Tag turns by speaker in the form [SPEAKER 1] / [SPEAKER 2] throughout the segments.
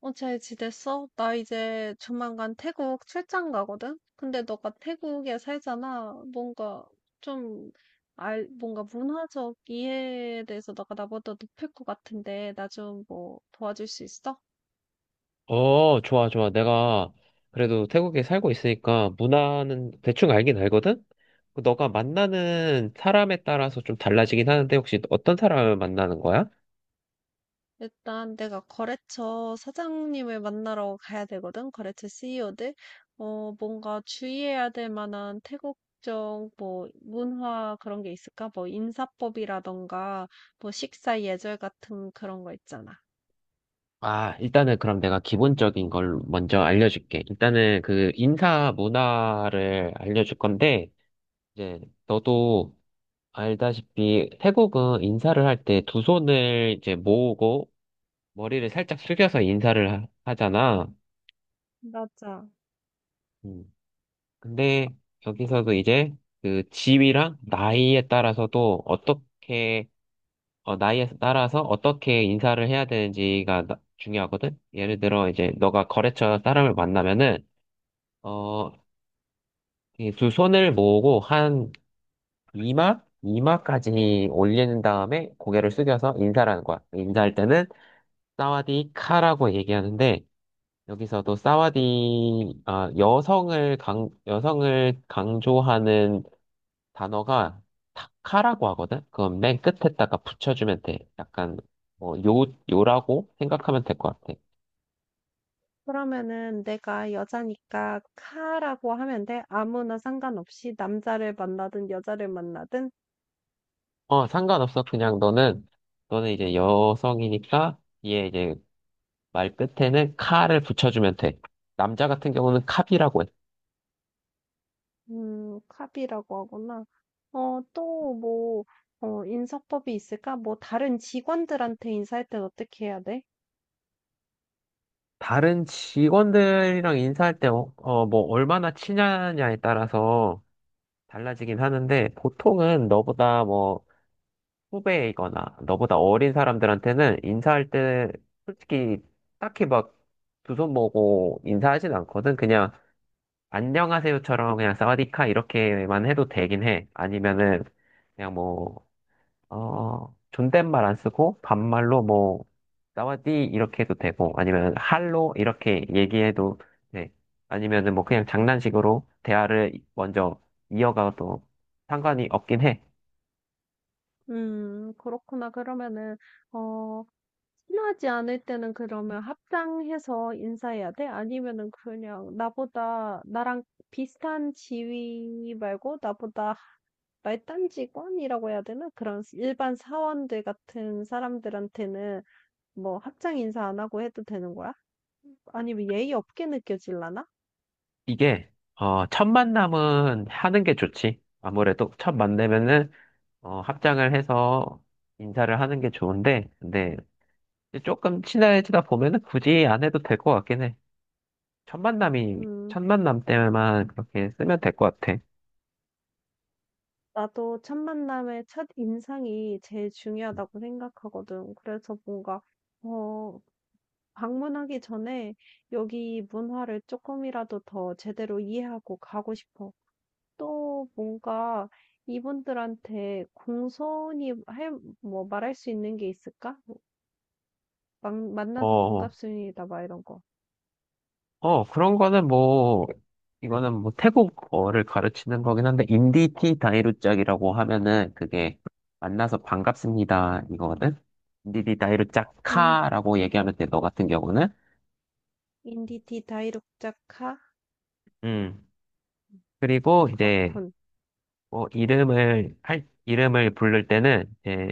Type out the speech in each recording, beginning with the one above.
[SPEAKER 1] 어, 잘 지냈어? 나 이제 조만간 태국 출장 가거든? 근데 너가 태국에 살잖아. 뭔가 좀 뭔가 문화적 이해에 대해서 너가 나보다 높을 것 같은데, 나 좀 뭐 도와줄 수 있어?
[SPEAKER 2] 어, 좋아, 좋아. 내가 그래도 태국에 살고 있으니까 문화는 대충 알긴 알거든? 너가 만나는 사람에 따라서 좀 달라지긴 하는데 혹시 어떤 사람을 만나는 거야?
[SPEAKER 1] 일단 내가 거래처 사장님을 만나러 가야 되거든? 거래처 CEO들? 어, 뭔가 주의해야 될 만한 태국적 뭐 문화 그런 게 있을까? 뭐 인사법이라던가 뭐 식사 예절 같은 그런 거 있잖아.
[SPEAKER 2] 아, 일단은 그럼 내가 기본적인 걸 먼저 알려줄게. 일단은 그 인사 문화를 알려줄 건데, 이제 너도 알다시피 태국은 인사를 할 때 두 손을 이제 모으고 머리를 살짝 숙여서 인사를 하잖아.
[SPEAKER 1] 맞아.
[SPEAKER 2] 음. 근데 여기서도 이제 그 집이랑 나이에 따라서도 나이에 따라서 어떻게 인사를 해야 되는지가 중요하거든. 예를 들어 이제 너가 거래처 사람을 만나면은 어, 이두 손을 모으고 한 이마 이마까지 올리는 다음에 고개를 숙여서 인사를 하는 거야. 인사할 때는 사와디카라고 얘기하는데 여기서도 여성을 강조하는 단어가 타카라고 하거든? 그건 맨 끝에다가 붙여주면 돼. 약간, 뭐, 요, 요라고 생각하면 될 것 같아.
[SPEAKER 1] 그러면은 내가 여자니까 카라고 하면 돼. 아무나 상관없이 남자를 만나든 여자를 만나든,
[SPEAKER 2] 어, 상관없어. 그냥 너는 이제 여성이니까, 얘 이제 말 끝에는 카를 붙여주면 돼. 남자 같은 경우는 캅이라고 해.
[SPEAKER 1] 카비라고 하구나. 어, 또 뭐, 어, 인사법이 있을까? 뭐 다른 직원들한테 인사할 땐 어떻게 해야 돼?
[SPEAKER 2] 다른 직원들이랑 인사할 때, 얼마나 친하냐에 따라서 달라지긴 하는데, 보통은 너보다 뭐, 후배이거나 너보다 어린 사람들한테는 인사할 때 솔직히 딱히 막 두 손 모으고 인사하진 않거든. 그냥 안녕하세요처럼 그냥 사와디카 이렇게만 해도 되긴 해. 아니면은 그냥 뭐, 존댓말 안 쓰고 반말로 뭐, 사와디 이렇게 해도 되고 아니면 할로 이렇게 얘기해도 돼. 아니면은 뭐 그냥 장난식으로 대화를 먼저 이어가도 상관이 없긴 해.
[SPEAKER 1] 그렇구나. 그러면은, 어, 친하지 않을 때는 그러면 합당해서 인사해야 돼? 아니면은 그냥 나보다 나랑 비슷한 지위 말고 나보다 말단 직원이라고 해야 되나? 그런 일반 사원들 같은 사람들한테는 뭐 합장 인사 안 하고 해도 되는 거야? 아니, 왜 예의 없게 느껴질라나?
[SPEAKER 2] 이게 첫 만남은 하는 게 좋지. 아무래도 첫 만나면은 합장을 해서 인사를 하는 게 좋은데, 근데 이제 조금 친해지다 보면은 굳이 안 해도 될 것 같긴 해. 첫 만남이
[SPEAKER 1] 음,
[SPEAKER 2] 첫 만남 때만 그렇게 쓰면 될 것 같아.
[SPEAKER 1] 나도 첫 만남의 첫 인상이 제일 중요하다고 생각하거든. 그래서 뭔가, 어, 방문하기 전에 여기 문화를 조금이라도 더 제대로 이해하고 가고 싶어. 또 뭔가 이분들한테 공손히 할, 뭐 말할 수 있는 게 있을까? 뭐 만나서
[SPEAKER 2] 어,
[SPEAKER 1] 반갑습니다. 막 이런 거.
[SPEAKER 2] 그런 거는 뭐 태국어를 가르치는 거긴 한데 인디티 다이루짝이라고 하면은 그게 만나서 반갑습니다 이거거든. 인디티
[SPEAKER 1] 인,
[SPEAKER 2] 다이루짝카라고 얘기하면 돼. 너 같은 경우는.
[SPEAKER 1] 인디티 다이룩자카?
[SPEAKER 2] 음. 그리고 이제
[SPEAKER 1] 그렇군.
[SPEAKER 2] 뭐 이름을 부를 때는 이제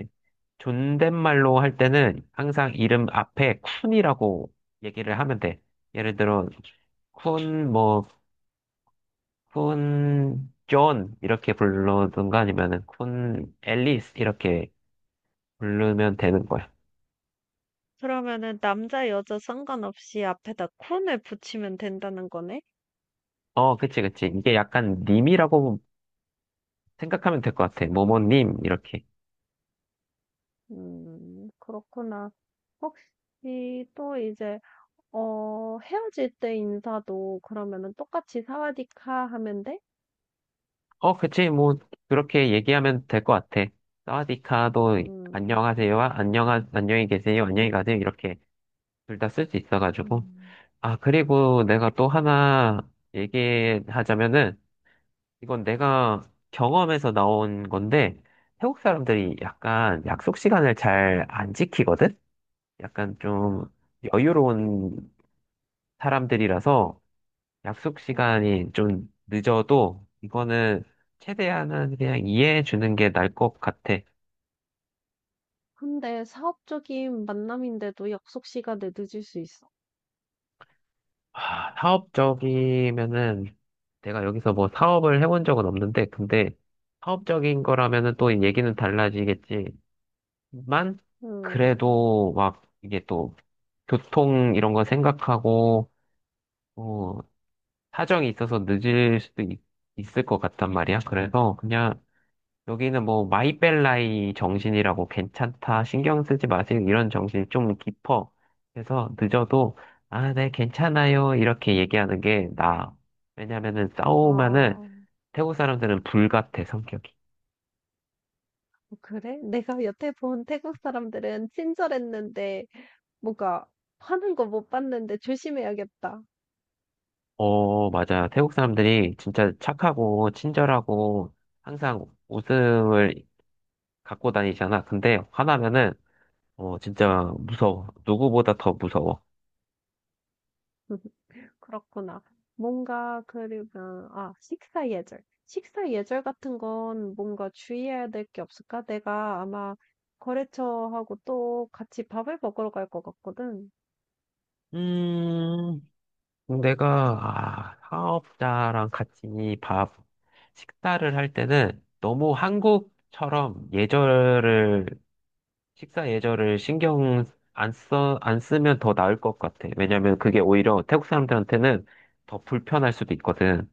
[SPEAKER 2] 존댓말로 할 때는 항상 이름 앞에 쿤이라고 얘기를 하면 돼. 예를 들어 쿤 뭐 쿤 존 이렇게 부르든가 아니면은 쿤 앨리스 이렇게 부르면 되는 거야.
[SPEAKER 1] 그러면은 남자 여자 상관없이 앞에다 쿤을 붙이면 된다는 거네?
[SPEAKER 2] 어, 그치, 그치. 이게 약간 님이라고 생각하면 될 것 같아. 뭐뭐님 이렇게.
[SPEAKER 1] 그렇구나. 혹시 또 이제 어, 헤어질 때 인사도 그러면은 똑같이 사와디카 하면 돼?
[SPEAKER 2] 어, 그치, 뭐, 그렇게 얘기하면 될 것 같아. 사와디카도
[SPEAKER 1] 음.
[SPEAKER 2] 안녕히 계세요, 안녕히 가세요, 이렇게 둘 다 쓸 수 있어가지고.
[SPEAKER 1] 음.
[SPEAKER 2] 아, 그리고 내가 또 하나 얘기하자면은, 이건 내가 경험에서 나온 건데, 태국 사람들이 약간 약속 시간을 잘 안 지키거든? 약간 좀 여유로운 사람들이라서, 약속 시간이 좀 늦어도 이거는 최대한은 그냥 이해해 주는 게 나을 것 같아.
[SPEAKER 1] 근데 사업적인 만남인데도 약속 시간에 늦을 수 있어?
[SPEAKER 2] 아, 사업적이면은 내가 여기서 뭐 사업을 해본 적은 없는데 근데 사업적인 거라면은 또 얘기는 달라지겠지만
[SPEAKER 1] 음.
[SPEAKER 2] 그래도 막 이게 또 교통 이런 거 생각하고 어, 사정이 있어서 있을 것 같단 말이야. 그래서 그냥 여기는 뭐 마이벨라이 정신이라고 괜찮다, 신경 쓰지 마세요. 이런 정신이 좀 깊어. 그래서 늦어도 아, 네, 괜찮아요. 이렇게 얘기하는 게 나아. 왜냐면은 싸우면은
[SPEAKER 1] 아,
[SPEAKER 2] 태국 사람들은 불같아, 성격이.
[SPEAKER 1] 그래? 내가 여태 본 태국 사람들은 친절했는데 뭔가 하는 거 못 봤는데 조심해야겠다.
[SPEAKER 2] 어, 맞아요. 태국 사람들이 진짜 착하고 친절하고 항상 웃음을 갖고 다니잖아. 근데 화나면은 어, 진짜 무서워. 누구보다 더 무서워.
[SPEAKER 1] 그렇구나. 뭔가 그러면 아 식사 예절. 식사 예절 같은 건 뭔가 주의해야 될 게 없을까? 내가 아마 거래처하고 또 같이 밥을 먹으러 갈 것 같거든.
[SPEAKER 2] 음. 사업자랑 같이 밥 식사를 할 때는 너무 한국처럼 예절을 식사 예절을 신경 안 써, 안 쓰면 더 나을 것 같아. 왜냐면 그게 오히려 태국 사람들한테는 더 불편할 수도 있거든.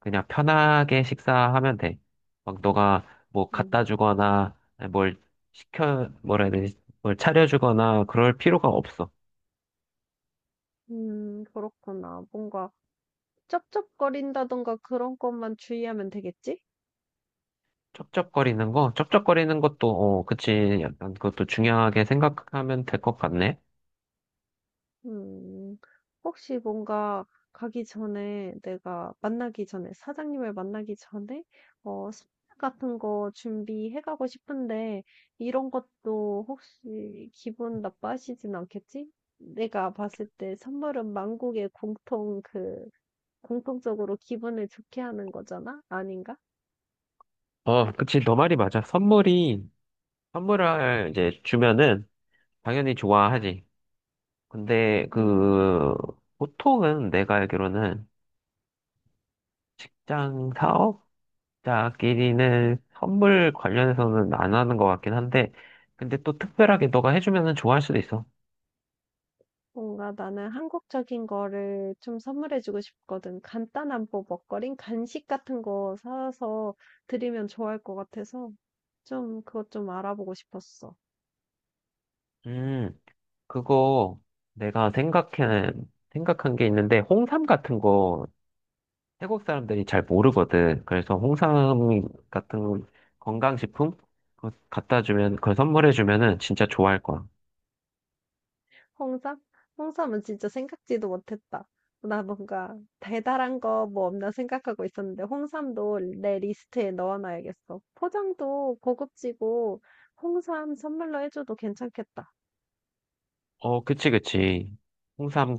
[SPEAKER 2] 그냥 편하게 식사하면 돼. 막 너가 뭐 갖다
[SPEAKER 1] 음,
[SPEAKER 2] 주거나 뭘 시켜 뭐라 해야 되지? 뭘 차려주거나 그럴 필요가 없어.
[SPEAKER 1] 그렇구나. 뭔가 쩝쩝거린다던가 그런 것만 주의하면 되겠지?
[SPEAKER 2] 쩝쩝거리는 거? 어, 그치. 약간 그것도 중요하게 생각하면 될 것 같네.
[SPEAKER 1] 음. 혹시 뭔가 가기 전에 내가 만나기 전에 사장님을 만나기 전에 어 스낵 같은 거 준비해 가고 싶은데 이런 것도 혹시 기분 나빠하시진 않겠지? 내가 봤을 때 선물은 만국의 공통 그 공통적으로 기분을 좋게 하는 거잖아? 아닌가?
[SPEAKER 2] 어, 그치. 너 말이 맞아. 선물을 이제 주면은 당연히 좋아하지. 근데
[SPEAKER 1] 음.
[SPEAKER 2] 그, 보통은 내가 알기로는 직장 사업자끼리는 선물 관련해서는 안 하는 것 같긴 한데, 근데 또 특별하게 너가 해주면은 좋아할 수도 있어.
[SPEAKER 1] 뭔가 나는 한국적인 거를 좀 선물해주고 싶거든. 간단한 뭐 먹거리, 간식 같은 거 사서 드리면 좋아할 것 같아서 좀 그것 좀 알아보고 싶었어.
[SPEAKER 2] 음, 그거 내가 생각해, 생각한 게 있는데, 홍삼 같은 거 태국 사람들이 잘 모르거든. 그래서 홍삼 같은 건강식품 그걸 선물해 주면은 진짜 좋아할 거야.
[SPEAKER 1] 홍삼? 홍삼은 진짜 생각지도 못했다. 나 뭔가 대단한 거 뭐 없나 생각하고 있었는데 홍삼도 내 리스트에 넣어놔야겠어. 포장도 고급지고 홍삼 선물로 해줘도 괜찮겠다.
[SPEAKER 2] 어, 그치, 그치. 홍삼,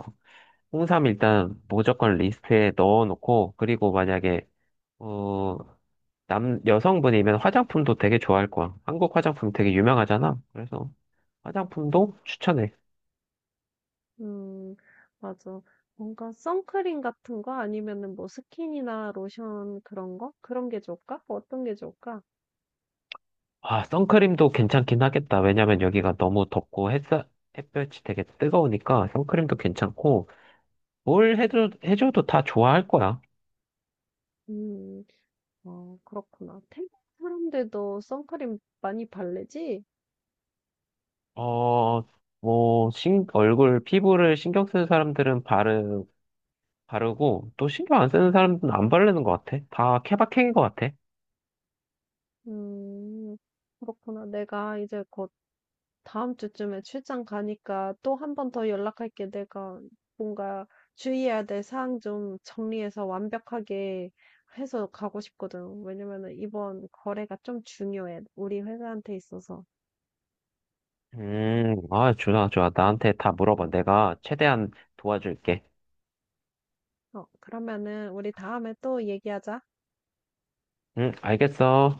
[SPEAKER 2] 홍삼 일단 무조건 리스트에 넣어놓고, 그리고 만약에, 어, 여성분이면 화장품도 되게 좋아할 거야. 한국 화장품 되게 유명하잖아. 그래서 화장품도 추천해.
[SPEAKER 1] 음, 맞아. 뭔가 선크림 같은 거 아니면은 뭐 스킨이나 로션 그런 거? 그런 게 좋을까? 뭐 어떤 게 좋을까?
[SPEAKER 2] 아, 선크림도 괜찮긴 하겠다. 왜냐면 여기가 너무 덥고 햇볕이 되게 뜨거우니까 선크림도 괜찮고,
[SPEAKER 1] 음,
[SPEAKER 2] 해줘도 다 좋아할 거야.
[SPEAKER 1] 음, 어, 그렇구나. 태국 사람들도 선크림 많이 바르지?
[SPEAKER 2] 어, 피부를 신경 쓰는 사람들은 바르고, 또 신경 안 쓰는 사람들은 안 바르는 것 같아. 다 케바케인 것 같아.
[SPEAKER 1] 음, 그렇구나. 내가 이제 곧 다음 주쯤에 출장 가니까 또 한 번 더 연락할게. 내가 뭔가 주의해야 될 사항 좀 정리해서 완벽하게 해서 가고 싶거든. 왜냐면은 이번 거래가 좀 중요해. 우리 회사한테 있어서.
[SPEAKER 2] 아, 좋아, 좋아. 나한테 다 물어봐. 내가 최대한 도와줄게.
[SPEAKER 1] 어, 그러면은 우리 다음에 또 얘기하자.
[SPEAKER 2] 응, 알겠어.